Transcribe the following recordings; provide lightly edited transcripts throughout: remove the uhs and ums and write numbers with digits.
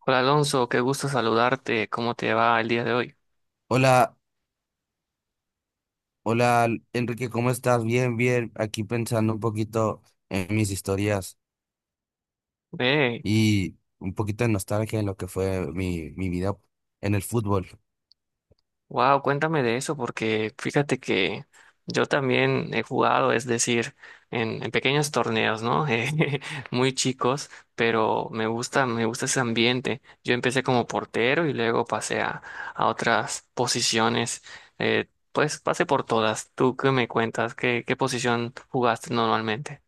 Hola Alonso, qué gusto saludarte. ¿Cómo te va el día de hoy? Hola, hola Enrique, ¿cómo estás? Bien, bien. Aquí pensando un poquito en mis historias Hey, y un poquito de nostalgia en lo que fue mi vida en el fútbol. wow, cuéntame de eso porque fíjate que yo también he jugado, es decir, en pequeños torneos, ¿no? Muy chicos, pero me gusta ese ambiente. Yo empecé como portero y luego a otras posiciones. Pues pasé por todas. ¿Tú qué me cuentas? ¿ qué posición jugaste normalmente?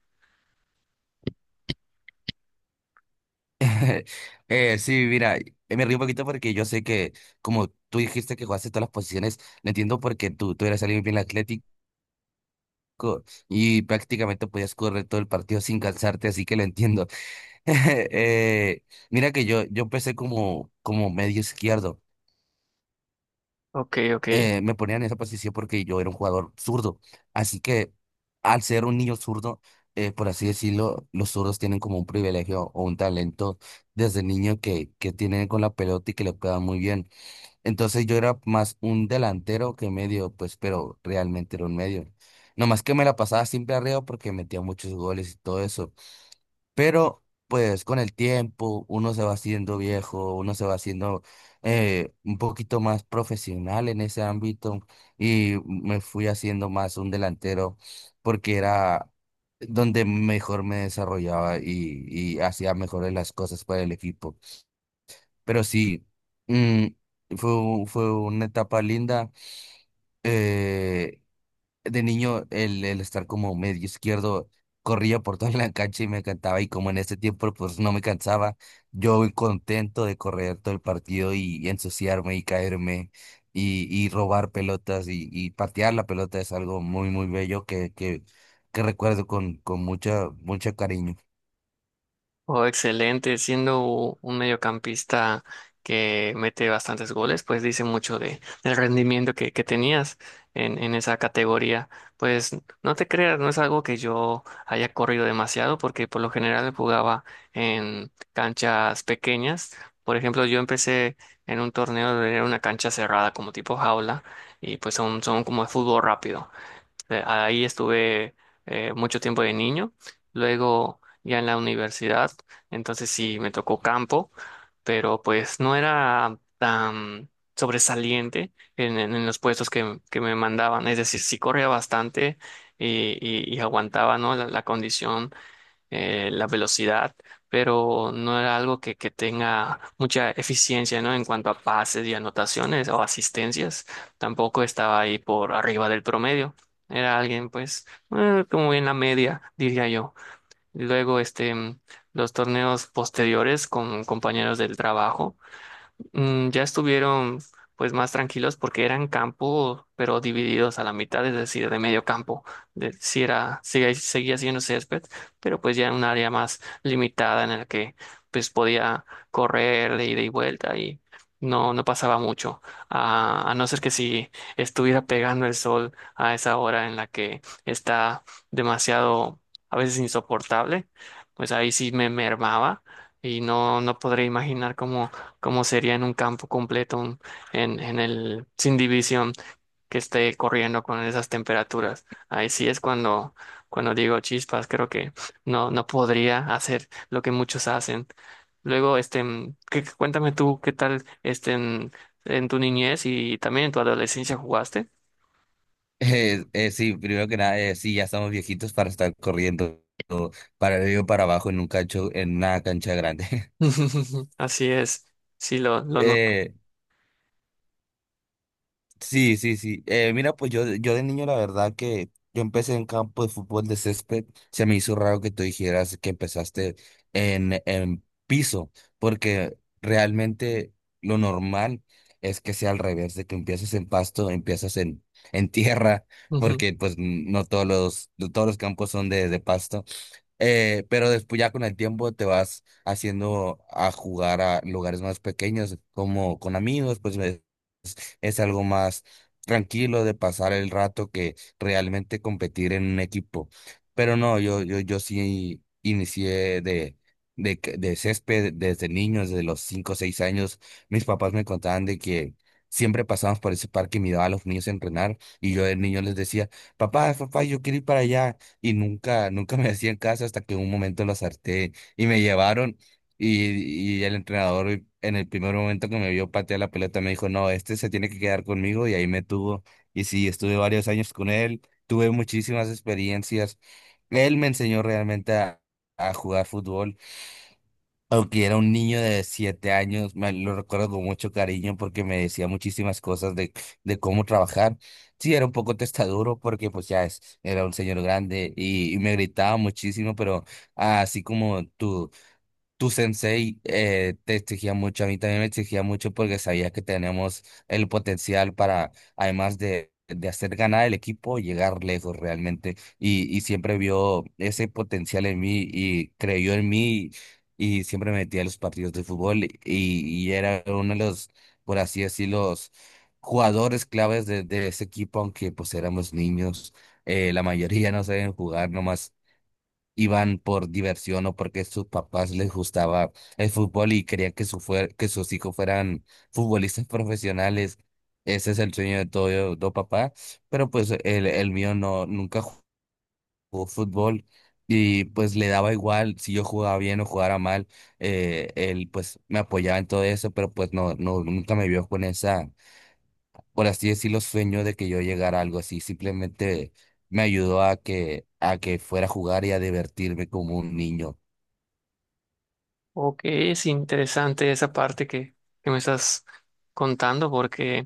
Sí, mira, me río un poquito porque yo sé que como tú dijiste que jugaste todas las posiciones, lo entiendo porque tú eras alguien bien atlético y prácticamente podías correr todo el partido sin cansarte, así que lo entiendo. Eh, Mira que yo empecé como medio izquierdo. Ok, ok. Me ponían en esa posición porque yo era un jugador zurdo. Así que al ser un niño zurdo, por así decirlo, los zurdos tienen como un privilegio o un talento desde niño que tienen con la pelota y que le pegan muy bien. Entonces yo era más un delantero que medio, pues, pero realmente era un medio. Nomás que me la pasaba siempre arriba porque metía muchos goles y todo eso. Pero pues con el tiempo uno se va haciendo viejo, uno se va haciendo un poquito más profesional en ese ámbito, y me fui haciendo más un delantero porque era donde mejor me desarrollaba y hacía mejores las cosas para el equipo. Pero sí, mm, fue una etapa linda. Eh, de niño el estar como medio izquierdo, corría por toda la cancha y me encantaba, y como en ese tiempo pues no me cansaba, yo muy contento de correr todo el partido y ensuciarme y caerme y robar pelotas y patear la pelota es algo muy muy bello que, que recuerdo con mucho cariño. Oh, excelente. Siendo un mediocampista que mete bastantes goles, pues dice mucho de, del rendimiento que tenías en esa categoría. Pues no te creas, no es algo que yo haya corrido demasiado, porque por lo general jugaba en canchas pequeñas. Por ejemplo, yo empecé en un torneo de una cancha cerrada, como tipo jaula, y pues son como de fútbol rápido. Ahí estuve mucho tiempo de niño, luego ya en la universidad, entonces sí me tocó campo, pero pues no era tan sobresaliente en los puestos que me mandaban, es decir, sí corría bastante y aguantaba, ¿no? la condición, la velocidad, pero no era algo que tenga mucha eficiencia, ¿no? En cuanto a pases y anotaciones o asistencias, tampoco estaba ahí por arriba del promedio. Era alguien, pues, como en la media, diría yo. Luego, este, los torneos posteriores con compañeros del trabajo. Ya estuvieron pues más tranquilos porque eran campo, pero divididos a la mitad, es decir, de medio campo. Sí era, seguía siendo césped, pero pues ya era un área más limitada en la que pues podía correr de ida y vuelta y no, no pasaba mucho. A no ser que si estuviera pegando el sol a esa hora en la que está demasiado, a veces insoportable, pues ahí sí me mermaba y no, no podré imaginar cómo como sería en un campo completo, en el, sin división, que esté corriendo con esas temperaturas. Ahí sí es cuando, cuando digo chispas, creo que no, no podría hacer lo que muchos hacen. Luego, este, cuéntame tú qué tal este, en tu niñez y también en tu adolescencia jugaste. Sí, primero que nada, sí, ya estamos viejitos para estar corriendo para arriba y para abajo en en una cancha grande. Así es, lo noto. Eh, Sí, sí, sí. Mira, pues yo de niño, la verdad que yo empecé en campo de fútbol de césped. Se me hizo raro que tú dijeras que empezaste en piso, porque realmente lo normal es que sea al revés, de que empieces en pasto, empiezas en tierra, porque pues no todos los, no todos los campos son de pasto. Pero después ya con el tiempo te vas haciendo a jugar a lugares más pequeños, como con amigos, pues es algo más tranquilo de pasar el rato que realmente competir en un equipo. Pero no, yo sí inicié de césped desde niño, desde los 5 o 6 años. Mis papás me contaban de que siempre pasábamos por ese parque y miraba a los niños entrenar y yo de niño les decía, papá, papá, yo quiero ir para allá, y nunca, nunca me hacían caso hasta que un momento lo harté y me llevaron, y el entrenador en el primer momento que me vio patear la pelota me dijo, no, este se tiene que quedar conmigo, y ahí me tuvo y sí, estuve varios años con él, tuve muchísimas experiencias. Él me enseñó realmente a jugar fútbol. Aunque era un niño de 7 años, me lo recuerdo con mucho cariño porque me decía muchísimas cosas de cómo trabajar. Sí, era un poco testaduro porque pues era un señor grande y me gritaba muchísimo, pero así como tú. Tu sensei te exigía mucho, a mí también me exigía mucho porque sabía que tenemos el potencial para, además de hacer ganar el equipo, llegar lejos realmente. Y siempre vio ese potencial en mí y creyó en mí, y siempre me metía a los partidos de fútbol y era uno de los, por así decirlo, los jugadores claves de ese equipo, aunque pues éramos niños, la mayoría no saben jugar, nomás iban por diversión o porque sus papás les gustaba el fútbol y querían que, que sus hijos fueran futbolistas profesionales. Ese es el sueño de todo papá, pero pues el mío no, nunca jugó fútbol, y pues le daba igual si yo jugaba bien o jugara mal, él pues me apoyaba en todo eso, pero pues no, no, nunca me vio con esa, por así decirlo, sueño de que yo llegara a algo así, simplemente me ayudó a que fuera a jugar y a divertirme como un niño. Ok, es interesante esa parte que me estás contando porque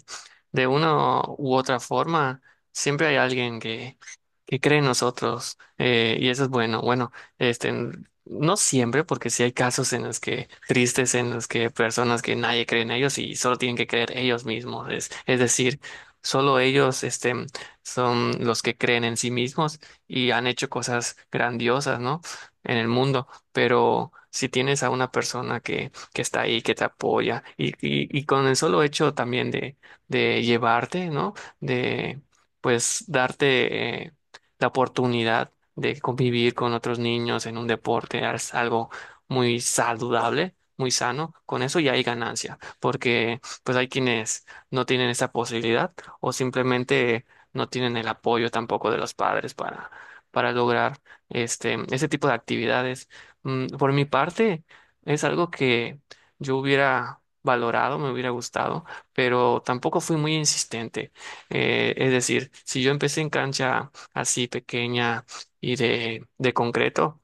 de una u otra forma siempre hay alguien que... ¿Qué creen nosotros? Y eso es bueno. Bueno, este, no siempre, porque sí hay casos en los que, tristes, en los que personas que nadie cree en ellos y solo tienen que creer ellos mismos. Es decir, solo ellos, este, son los que creen en sí mismos y han hecho cosas grandiosas, ¿no? En el mundo. Pero si tienes a una persona que está ahí, que te apoya y con el solo hecho también de llevarte, ¿no? De, pues, darte la oportunidad de convivir con otros niños en un deporte, es algo muy saludable, muy sano, con eso ya hay ganancia, porque pues hay quienes no tienen esa posibilidad o simplemente no tienen el apoyo tampoco de los padres para lograr este, ese tipo de actividades. Por mi parte, es algo que yo hubiera valorado, me hubiera gustado, pero tampoco fui muy insistente. Es decir, si yo empecé en cancha así pequeña y de concreto,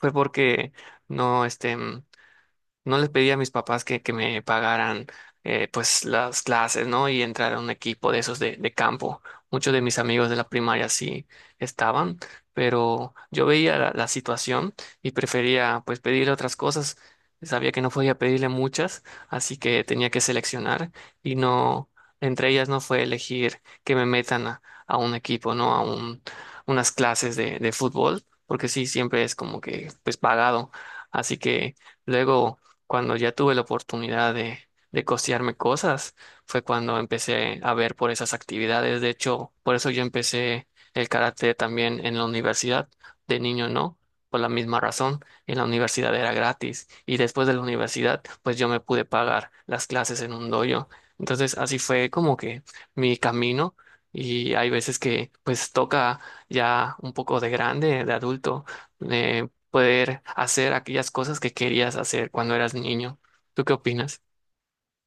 fue porque no, este, no les pedí a mis papás que me pagaran pues las clases, ¿no? Y entrar a un equipo de esos de campo. Muchos de mis amigos de la primaria sí estaban, pero yo veía la situación y prefería pues pedirle otras cosas. Sabía que no podía pedirle muchas, así que tenía que seleccionar y no, entre ellas no fue elegir que me metan a un equipo, ¿no? A un, unas clases de fútbol, porque sí, siempre es como que pues pagado. Así que luego cuando ya tuve la oportunidad de costearme cosas, fue cuando empecé a ver por esas actividades. De hecho, por eso yo empecé el karate también en la universidad. De niño no, por la misma razón. En la universidad era gratis. Y después de la universidad, pues yo me pude pagar las clases en un dojo. Entonces, así fue como que mi camino. Y hay veces que pues toca ya un poco de grande, de adulto, eh, poder hacer aquellas cosas que querías hacer cuando eras niño. ¿Tú qué opinas?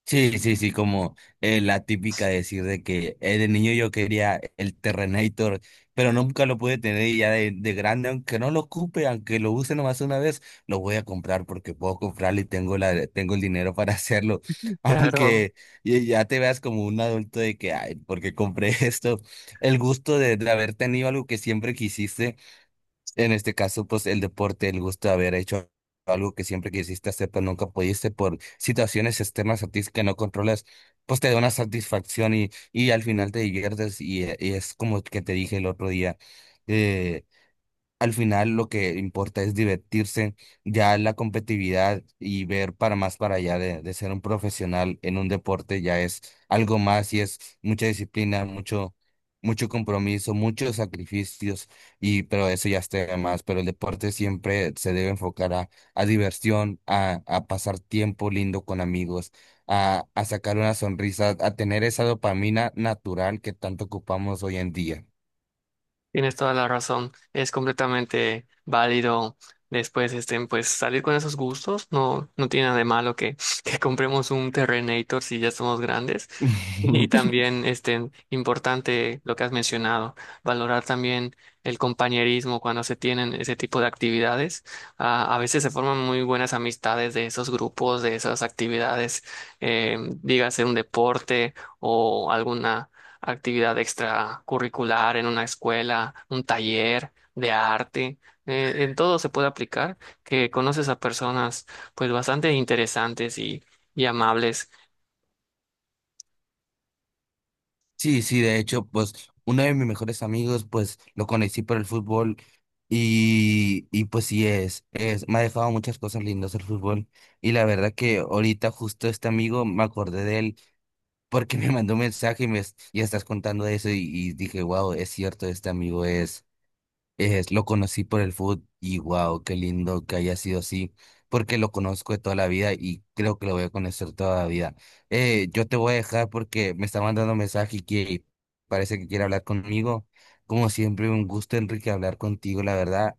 Sí, sí, sí, como la típica decir de que de niño yo quería el Terrenator, pero nunca lo pude tener, y ya de grande, aunque no lo ocupe, aunque lo use nomás una vez, lo voy a comprar porque puedo comprarlo y tengo la, tengo el dinero para hacerlo. Claro. Aunque ya ya te veas como un adulto de que, ay, ¿por qué compré esto? El gusto de haber tenido algo que siempre quisiste, en este caso, pues el deporte, el gusto de haber hecho algo que siempre quisiste hacer, pero nunca pudiste por situaciones externas a ti que no controlas, pues te da una satisfacción y al final te diviertes. Y, y es como que te dije el otro día, eh, al final lo que importa es divertirse, ya la competitividad y ver para más para allá de ser un profesional en un deporte, ya es algo más y es mucha disciplina, mucho, mucho compromiso, muchos sacrificios, y pero eso ya está de más, pero el deporte siempre se debe enfocar a diversión, a pasar tiempo lindo con amigos, a sacar una sonrisa, a tener esa dopamina natural que tanto ocupamos hoy en día. Tienes toda la razón, es completamente válido después este, pues salir con esos gustos, no, no tiene nada de malo que que compremos un Terrenator si ya somos grandes. Y también este, importante lo que has mencionado, valorar también el compañerismo cuando se tienen ese tipo de actividades. Ah, a veces se forman muy buenas amistades de esos grupos, de esas actividades, dígase un deporte o alguna actividad extracurricular en una escuela, un taller de arte, en todo se puede aplicar, que conoces a personas pues bastante interesantes y amables. Sí, sí, de hecho, pues uno de mis mejores amigos, pues lo conocí por el fútbol, y pues sí es, me ha dejado muchas cosas lindas el fútbol, y la verdad que ahorita justo este amigo me acordé de él porque me mandó un mensaje y estás contando eso, y dije, wow, es cierto, este amigo es. Es, lo conocí por el food y wow, qué lindo que haya sido así, porque lo conozco de toda la vida y creo que lo voy a conocer toda la vida. Yo te voy a dejar porque me está mandando mensaje y que parece que quiere hablar conmigo. Como siempre, un gusto, Enrique, hablar contigo, la verdad.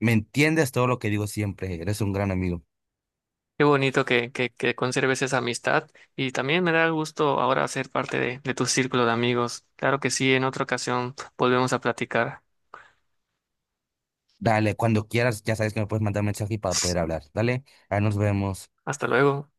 Me entiendes todo lo que digo siempre, eres un gran amigo. Qué bonito que que conserves esa amistad y también me da gusto ahora ser parte de tu círculo de amigos. Claro que sí, en otra ocasión volvemos a platicar. Dale, cuando quieras, ya sabes que me puedes mandar mensaje para poder hablar. Dale, ahí nos vemos. Hasta luego.